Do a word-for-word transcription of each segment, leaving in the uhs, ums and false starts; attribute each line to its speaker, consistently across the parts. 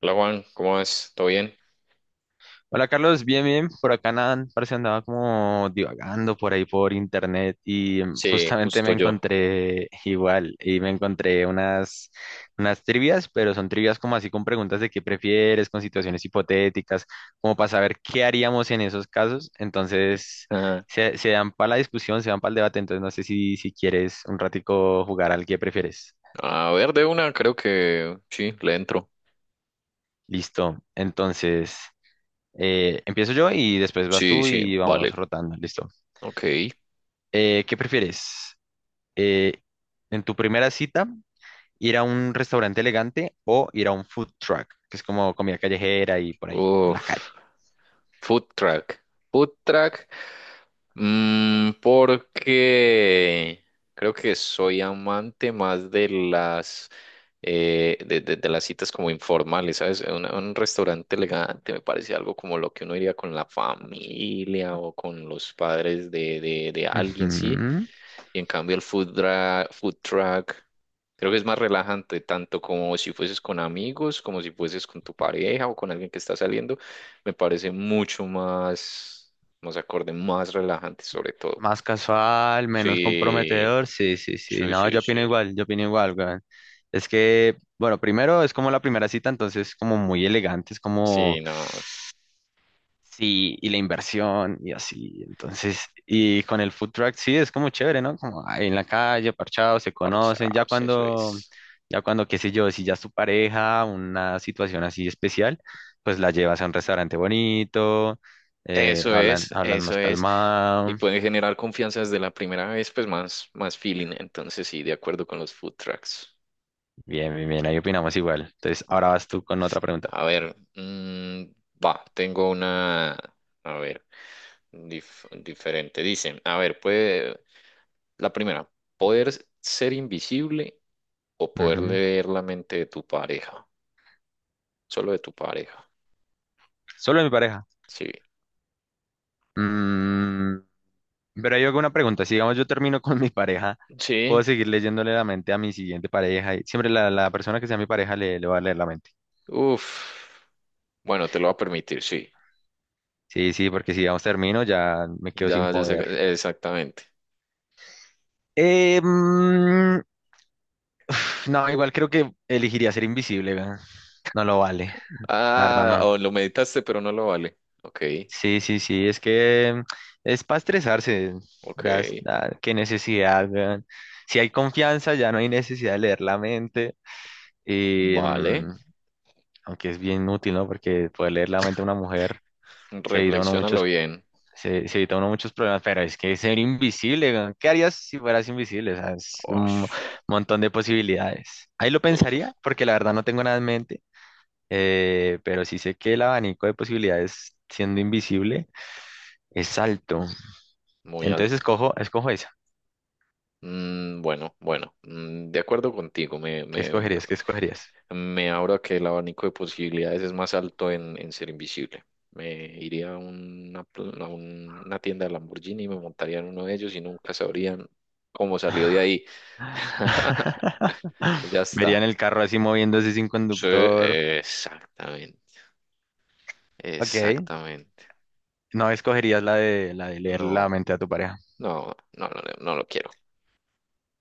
Speaker 1: Hola Juan, ¿cómo vas? ¿Todo bien?
Speaker 2: Hola, Carlos, bien, bien. Por acá nada, parece andaba como divagando por ahí por internet y mm,
Speaker 1: Sí,
Speaker 2: justamente me
Speaker 1: justo yo.
Speaker 2: encontré igual y me encontré unas, unas trivias, pero son trivias como así con preguntas de qué prefieres, con situaciones hipotéticas, como para saber qué haríamos en esos casos. Entonces
Speaker 1: Ajá.
Speaker 2: se, se dan para la discusión, se dan para el debate. Entonces no sé si, si quieres un ratico jugar al que prefieres.
Speaker 1: A ver, de una, creo que sí, le entro.
Speaker 2: Listo. Entonces eh, empiezo yo y después vas
Speaker 1: Sí,
Speaker 2: tú
Speaker 1: sí,
Speaker 2: y vamos
Speaker 1: vale.
Speaker 2: rotando. Listo.
Speaker 1: Ok.
Speaker 2: Eh, ¿qué prefieres? Eh, en tu primera cita, ir a un restaurante elegante o ir a un food truck, que es como comida callejera y por ahí, en la calle.
Speaker 1: Uf, food track. Food track. Mm, porque creo que soy amante más de las eh, de, de- de las citas como informales, ¿sabes? Un, un restaurante elegante me parece algo como lo que uno iría con la familia o con los padres de, de, de alguien, ¿sí?
Speaker 2: Ujú.
Speaker 1: Y en cambio el food, dra- food truck creo que es más relajante, tanto como si fueses con amigos, como si fueses con tu pareja o con alguien que está saliendo. Me parece mucho más, más acorde, más relajante sobre todo.
Speaker 2: Más casual, menos
Speaker 1: Sí,
Speaker 2: comprometedor, sí, sí, sí.
Speaker 1: sí,
Speaker 2: No,
Speaker 1: sí,
Speaker 2: yo
Speaker 1: sí.
Speaker 2: opino igual, yo opino igual, weón. Es que, bueno, primero es como la primera cita, entonces como muy elegante, es
Speaker 1: Sí,
Speaker 2: como.
Speaker 1: no,
Speaker 2: Sí, y la inversión y así. Entonces, y con el food truck sí es como chévere, ¿no? Como ahí en la calle, parchados, se conocen. Ya
Speaker 1: parchados, eso
Speaker 2: cuando,
Speaker 1: es.
Speaker 2: ya cuando, qué sé yo, si ya es tu pareja, una situación así especial, pues la llevas a un restaurante bonito, eh,
Speaker 1: Eso
Speaker 2: hablan,
Speaker 1: es,
Speaker 2: hablan
Speaker 1: eso
Speaker 2: más
Speaker 1: es. Y
Speaker 2: calmado.
Speaker 1: pueden generar confianza desde la primera vez, pues más, más feeling. Entonces sí, de acuerdo con los food trucks.
Speaker 2: Bien, bien, bien, ahí opinamos igual. Entonces, ahora vas tú con otra pregunta.
Speaker 1: A ver, mm, va, tengo una, a ver, dif- diferente. Dice, a ver, puede, la primera, poder ser invisible o poder
Speaker 2: Ujú.
Speaker 1: leer la mente de tu pareja, solo de tu pareja.
Speaker 2: Solo de mi pareja.
Speaker 1: Sí,
Speaker 2: Mm. Pero hay alguna pregunta. Si digamos yo termino con mi pareja,
Speaker 1: sí,
Speaker 2: ¿puedo seguir leyéndole la mente a mi siguiente pareja? Y siempre la, la persona que sea mi pareja le, le va a leer la mente.
Speaker 1: uff, bueno, te lo va a permitir. Sí,
Speaker 2: Sí, sí, porque si digamos termino ya me quedo sin
Speaker 1: ya, ya sé,
Speaker 2: poder.
Speaker 1: que- exactamente.
Speaker 2: Eh, mm, pf, no, igual creo que elegiría ser invisible, weón. No lo vale. La verdad
Speaker 1: Ah,
Speaker 2: no.
Speaker 1: o lo meditaste, pero no lo vale. Ok,
Speaker 2: Sí, sí, sí. Es que es para estresarse.
Speaker 1: ok,
Speaker 2: Ya, es- ya, qué necesidad, weón. Si hay confianza, ya no hay necesidad de leer la mente.
Speaker 1: vale,
Speaker 2: Em, aunque es bien útil, ¿no? Porque poder leer la mente de una mujer se evita uno
Speaker 1: reflexiónalo
Speaker 2: muchos,
Speaker 1: bien.
Speaker 2: se, se evita uno muchos problemas, pero es que ser invisible, weón, ¿qué harías si fueras invisible? O sea, es un
Speaker 1: Ush.
Speaker 2: montón de posibilidades. Ahí lo pensaría,
Speaker 1: Uf,
Speaker 2: porque la verdad no tengo nada en mente, eh, pero sí sé que el abanico de posibilidades siendo invisible es alto.
Speaker 1: muy
Speaker 2: Entonces
Speaker 1: alto.
Speaker 2: escojo, escojo esa.
Speaker 1: Mm, bueno, bueno, mm, de acuerdo contigo, me,
Speaker 2: ¿Qué
Speaker 1: me,
Speaker 2: escogerías? ¿Qué escogerías?
Speaker 1: me abro a que el abanico de posibilidades es más alto en, en ser invisible. Me iría a una, pl- a un- una tienda de Lamborghini y me montaría en uno de ellos y nunca sabrían cómo salió de ahí. Ya está.
Speaker 2: Verían el carro así moviéndose sin
Speaker 1: Sí,
Speaker 2: conductor.
Speaker 1: exactamente,
Speaker 2: Ok.
Speaker 1: exactamente.
Speaker 2: No escogerías la de, la de leer
Speaker 1: No,
Speaker 2: la mente a tu pareja.
Speaker 1: no, no, no, no no lo quiero.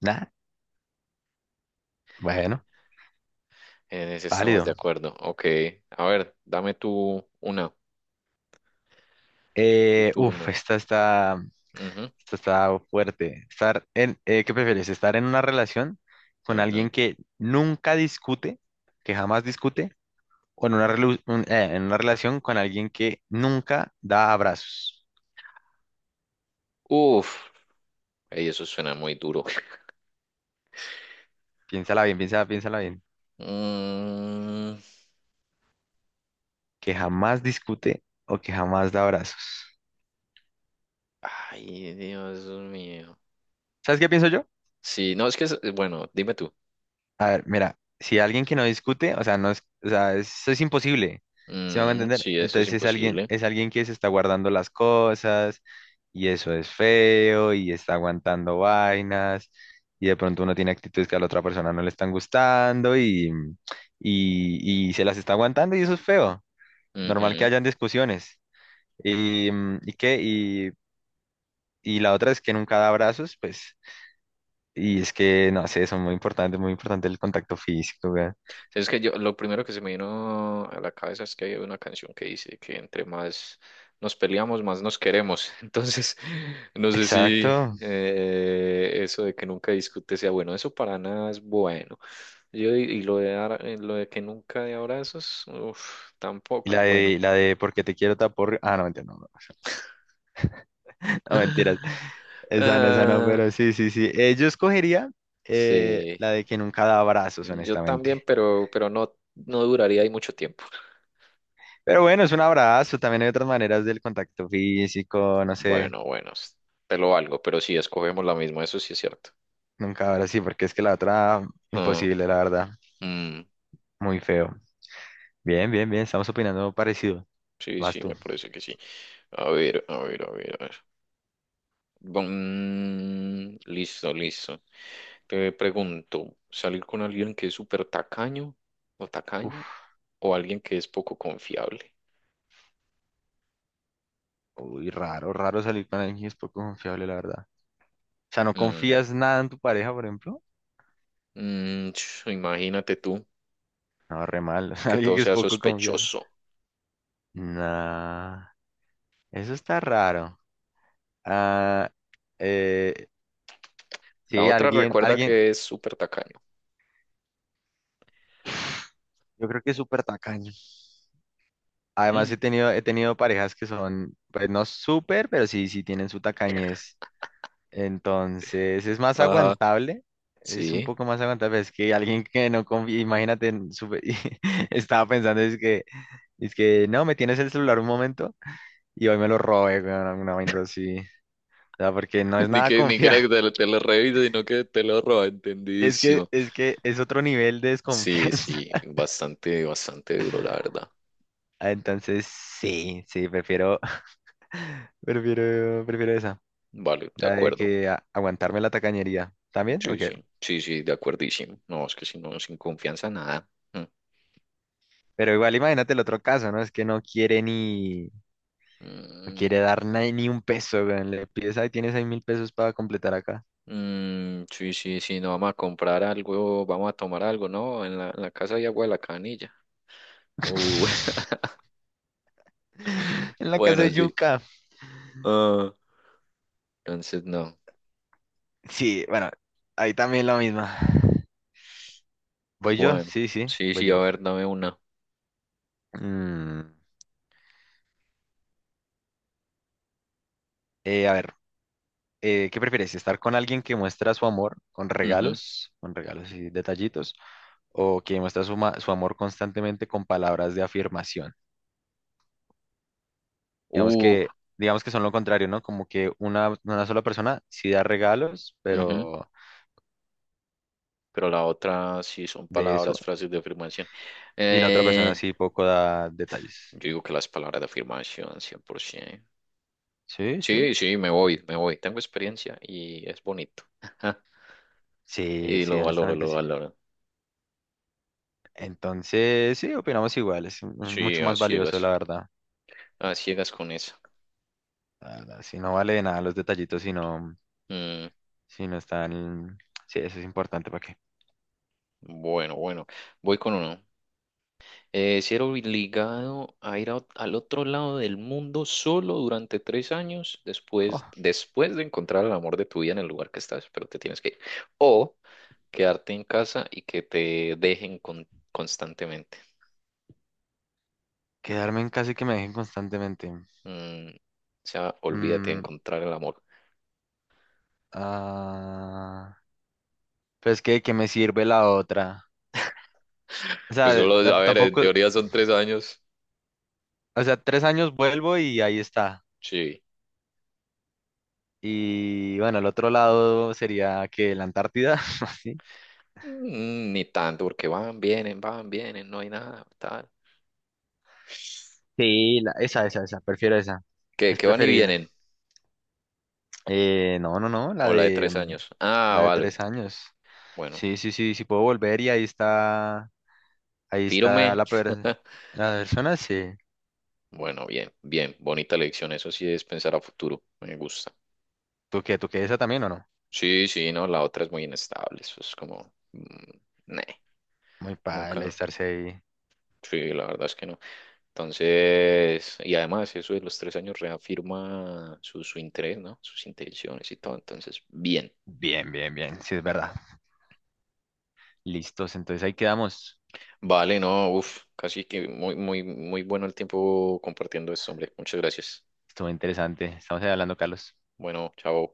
Speaker 2: Nah, bueno,
Speaker 1: En ese estamos de
Speaker 2: válido.
Speaker 1: acuerdo. Ok, a ver, dame tú una. Tu
Speaker 2: Eh, uf,
Speaker 1: turno.
Speaker 2: esta está,
Speaker 1: Ujú,
Speaker 2: esta está fuerte. Estar en, eh, ¿qué prefieres? ¿Estar en una relación con
Speaker 1: ujú.
Speaker 2: alguien que nunca discute, que jamás discute, o en una, relu- un- eh, en una relación con alguien que nunca da abrazos?
Speaker 1: Uf, ey, eso suena muy duro.
Speaker 2: Piénsala bien, piénsala, piénsala bien.
Speaker 1: Mm,
Speaker 2: Que jamás discute o que jamás da abrazos.
Speaker 1: ay, Dios mío.
Speaker 2: ¿Sabes qué pienso yo?
Speaker 1: Sí, no, es que, es- eh, bueno, dime tú.
Speaker 2: A ver, mira, si alguien que no discute, o sea, no es, o sea, eso es imposible, ¿sí me van a
Speaker 1: Mm,
Speaker 2: entender?
Speaker 1: sí, eso es
Speaker 2: Entonces es alguien,
Speaker 1: imposible.
Speaker 2: es alguien que se está guardando las cosas y eso es feo y está aguantando vainas y de pronto uno tiene actitudes que a la otra persona no le están gustando y, y, y se las está aguantando y eso es feo. Normal que hayan discusiones. ¿Y, mm, ¿y qué? Y, y la otra es que nunca da abrazos, pues, y es que, no sé, eso es muy importante, muy importante el contacto físico.
Speaker 1: Sí, es que yo, lo primero que se me vino a la cabeza es que hay una canción que dice que entre más nos peleamos, más nos queremos. Entonces, no sé si
Speaker 2: Exacto.
Speaker 1: eh, eso de que nunca discute sea bueno. Eso para nada es bueno. Yo, y, y lo de, dar- eh, lo de que nunca de abrazos, uf,
Speaker 2: Y
Speaker 1: tampoco
Speaker 2: la
Speaker 1: es bueno.
Speaker 2: de, la de porque te quiero tapor. Ah, no, mentira, no, no. No, mentiras. Esa no, esa no,
Speaker 1: Ah,
Speaker 2: pero sí, sí, sí. Eh, yo escogería eh,
Speaker 1: sí,
Speaker 2: la de que nunca da abrazos,
Speaker 1: yo
Speaker 2: honestamente.
Speaker 1: también, pero, pero no, no duraría ahí mucho tiempo.
Speaker 2: Pero bueno, es un abrazo. También hay otras maneras del contacto físico, no sé.
Speaker 1: Bueno, bueno, te lo valgo, pero sí, escogemos la misma, eso sí es cierto.
Speaker 2: Nunca ahora sí, porque es que la otra,
Speaker 1: Ah.
Speaker 2: imposible, la verdad.
Speaker 1: Mm,
Speaker 2: Muy feo. Bien, bien, bien. Estamos opinando parecido.
Speaker 1: sí,
Speaker 2: Vas
Speaker 1: sí,
Speaker 2: tú.
Speaker 1: me parece que sí. A ver, a ver, a ver, a ver. Mm, listo, listo. Te pregunto, ¿salir con alguien que es súper tacaño o tacaña
Speaker 2: Uf,
Speaker 1: o alguien que es poco confiable?
Speaker 2: uy, raro, raro salir con alguien que es poco confiable, la verdad. O sea, ¿no
Speaker 1: Mm,
Speaker 2: confías nada en tu pareja, por ejemplo?
Speaker 1: mm, ch, Imagínate tú
Speaker 2: No, re mal.
Speaker 1: que
Speaker 2: Alguien
Speaker 1: todo
Speaker 2: que es
Speaker 1: sea
Speaker 2: poco confiable.
Speaker 1: sospechoso.
Speaker 2: Nah, eso está raro. Ah, eh,
Speaker 1: La
Speaker 2: sí,
Speaker 1: otra
Speaker 2: alguien,
Speaker 1: recuerda
Speaker 2: alguien,
Speaker 1: que es súper tacaño.
Speaker 2: yo creo que es súper tacaño. Además,
Speaker 1: Mm.
Speaker 2: he tenido, he tenido parejas que son, pues no súper, pero sí, sí tienen su tacañez. Entonces, es más
Speaker 1: Ajá,
Speaker 2: aguantable, es un
Speaker 1: sí.
Speaker 2: poco más aguantable. Es que alguien que no confía, imagínate, en su- y estaba pensando, es que, es que, no, me tienes el celular un momento y hoy me lo robé, una, una vaina así. O sea, porque no es
Speaker 1: Ni
Speaker 2: nada
Speaker 1: que, ni que
Speaker 2: confiable.
Speaker 1: era que te, lo te lo revise, sino que te lo roba,
Speaker 2: Es que,
Speaker 1: entendidísimo.
Speaker 2: es que es otro nivel de
Speaker 1: Sí,
Speaker 2: desconfianza.
Speaker 1: sí, bastante, bastante duro, la verdad.
Speaker 2: Ah, entonces, sí, sí, prefiero, prefiero, prefiero esa.
Speaker 1: Vale, de
Speaker 2: La de
Speaker 1: acuerdo.
Speaker 2: que a- aguantarme la tacañería. ¿También?
Speaker 1: Sí,
Speaker 2: Ok.
Speaker 1: sí, sí, sí, de acuerdísimo. No, es que si no, sin confianza, nada. Mm,
Speaker 2: Pero igual imagínate el otro caso, ¿no? Es que no quiere ni, no quiere
Speaker 1: mm,
Speaker 2: dar na- ni un peso, weón. Le pides, ahí tienes ahí mil pesos para completar acá.
Speaker 1: mm, sí, sí, sí, no vamos a comprar algo, vamos a tomar algo, ¿no? En la, en la casa hay agua de la canilla. Uh,
Speaker 2: En la casa
Speaker 1: bueno,
Speaker 2: de
Speaker 1: sí.
Speaker 2: Yuka.
Speaker 1: Ah, entonces, no.
Speaker 2: Sí, bueno, ahí también la misma. ¿Voy yo?
Speaker 1: Bueno,
Speaker 2: Sí, sí,
Speaker 1: sí,
Speaker 2: voy
Speaker 1: sí, a
Speaker 2: yo.
Speaker 1: ver, dame una.
Speaker 2: Mm, eh, a ver. Eh, ¿qué prefieres? ¿Estar con alguien que muestra su amor con
Speaker 1: Ujú.
Speaker 2: regalos, con regalos y detallitos, o que muestra su, ma- su amor constantemente con palabras de afirmación? Digamos
Speaker 1: Uh,
Speaker 2: que, digamos que son lo contrario, ¿no? Como que una, una sola persona sí da regalos,
Speaker 1: ujú.
Speaker 2: pero
Speaker 1: Pero la otra sí son
Speaker 2: de eso,
Speaker 1: palabras, frases de afirmación.
Speaker 2: y la otra persona
Speaker 1: Eh,
Speaker 2: sí poco da detalles.
Speaker 1: Yo digo que las palabras de afirmación, cien por ciento.
Speaker 2: Sí, sí.
Speaker 1: Sí, sí, me voy, me voy. Tengo experiencia y es bonito.
Speaker 2: Sí,
Speaker 1: Y
Speaker 2: sí,
Speaker 1: lo valoro,
Speaker 2: honestamente
Speaker 1: lo
Speaker 2: sí.
Speaker 1: valoro.
Speaker 2: Entonces, sí, opinamos igual, es mm,
Speaker 1: Sí,
Speaker 2: mucho
Speaker 1: a
Speaker 2: más valioso, la
Speaker 1: ciegas,
Speaker 2: verdad.
Speaker 1: a ciegas con eso.
Speaker 2: La verdad, si no vale de nada los detallitos, si no,
Speaker 1: Mm,
Speaker 2: si no están. Sí, eso es importante para qué.
Speaker 1: bueno, bueno, voy con uno. Eh, ser obligado a ir a- al otro lado del mundo solo durante tres años
Speaker 2: Jo,
Speaker 1: después, después de encontrar el amor de tu vida en el lugar que estás, pero te tienes que ir. O quedarte en casa y que te dejen con- constantemente.
Speaker 2: quedarme en casa y que me dejen constantemente.
Speaker 1: Mm, Se llama Olvídate de
Speaker 2: Mm,
Speaker 1: encontrar el amor.
Speaker 2: ah, pero es que, ¿de qué me sirve la otra? O
Speaker 1: Pues
Speaker 2: sea,
Speaker 1: solo,
Speaker 2: ta-
Speaker 1: a ver, en
Speaker 2: tampoco,
Speaker 1: teoría son tres años.
Speaker 2: o sea, tres años vuelvo y ahí está.
Speaker 1: Sí.
Speaker 2: Y bueno, el otro lado sería que la Antártida, así.
Speaker 1: Mm, ni tanto, porque van, vienen, van, vienen, no hay nada, tal.
Speaker 2: Sí, la- esa, esa, esa, prefiero esa.
Speaker 1: ¿Qué,
Speaker 2: Es
Speaker 1: qué van y
Speaker 2: preferible.
Speaker 1: vienen?
Speaker 2: Eh, no, no, no, la
Speaker 1: O la de
Speaker 2: de,
Speaker 1: tres
Speaker 2: mm,
Speaker 1: años. Ah,
Speaker 2: la de
Speaker 1: vale.
Speaker 2: tres años.
Speaker 1: Bueno,
Speaker 2: Sí, sí, sí, sí puedo volver y ahí está, ahí está
Speaker 1: firme.
Speaker 2: la, per- la persona, sí.
Speaker 1: Bueno, bien, bien. Bonita lección. Eso sí es pensar a futuro. Me gusta.
Speaker 2: ¿Tú qué, tú qué, esa también o no?
Speaker 1: Sí, sí, no, la otra es muy inestable. Eso es como. mm, neh,
Speaker 2: Muy padre
Speaker 1: Nunca.
Speaker 2: estarse ahí.
Speaker 1: Sí, la verdad es que no. Entonces, y además eso de los tres años reafirma su, su interés, ¿no? Sus intenciones y todo. Entonces, bien.
Speaker 2: Bien, bien, bien. Sí, es verdad. Listos. Entonces ahí quedamos.
Speaker 1: Vale, no, uff, casi que muy, muy, muy bueno el tiempo compartiendo esto, hombre. Muchas gracias.
Speaker 2: Estuvo interesante. Estamos ahí hablando, Carlos.
Speaker 1: Bueno, chao.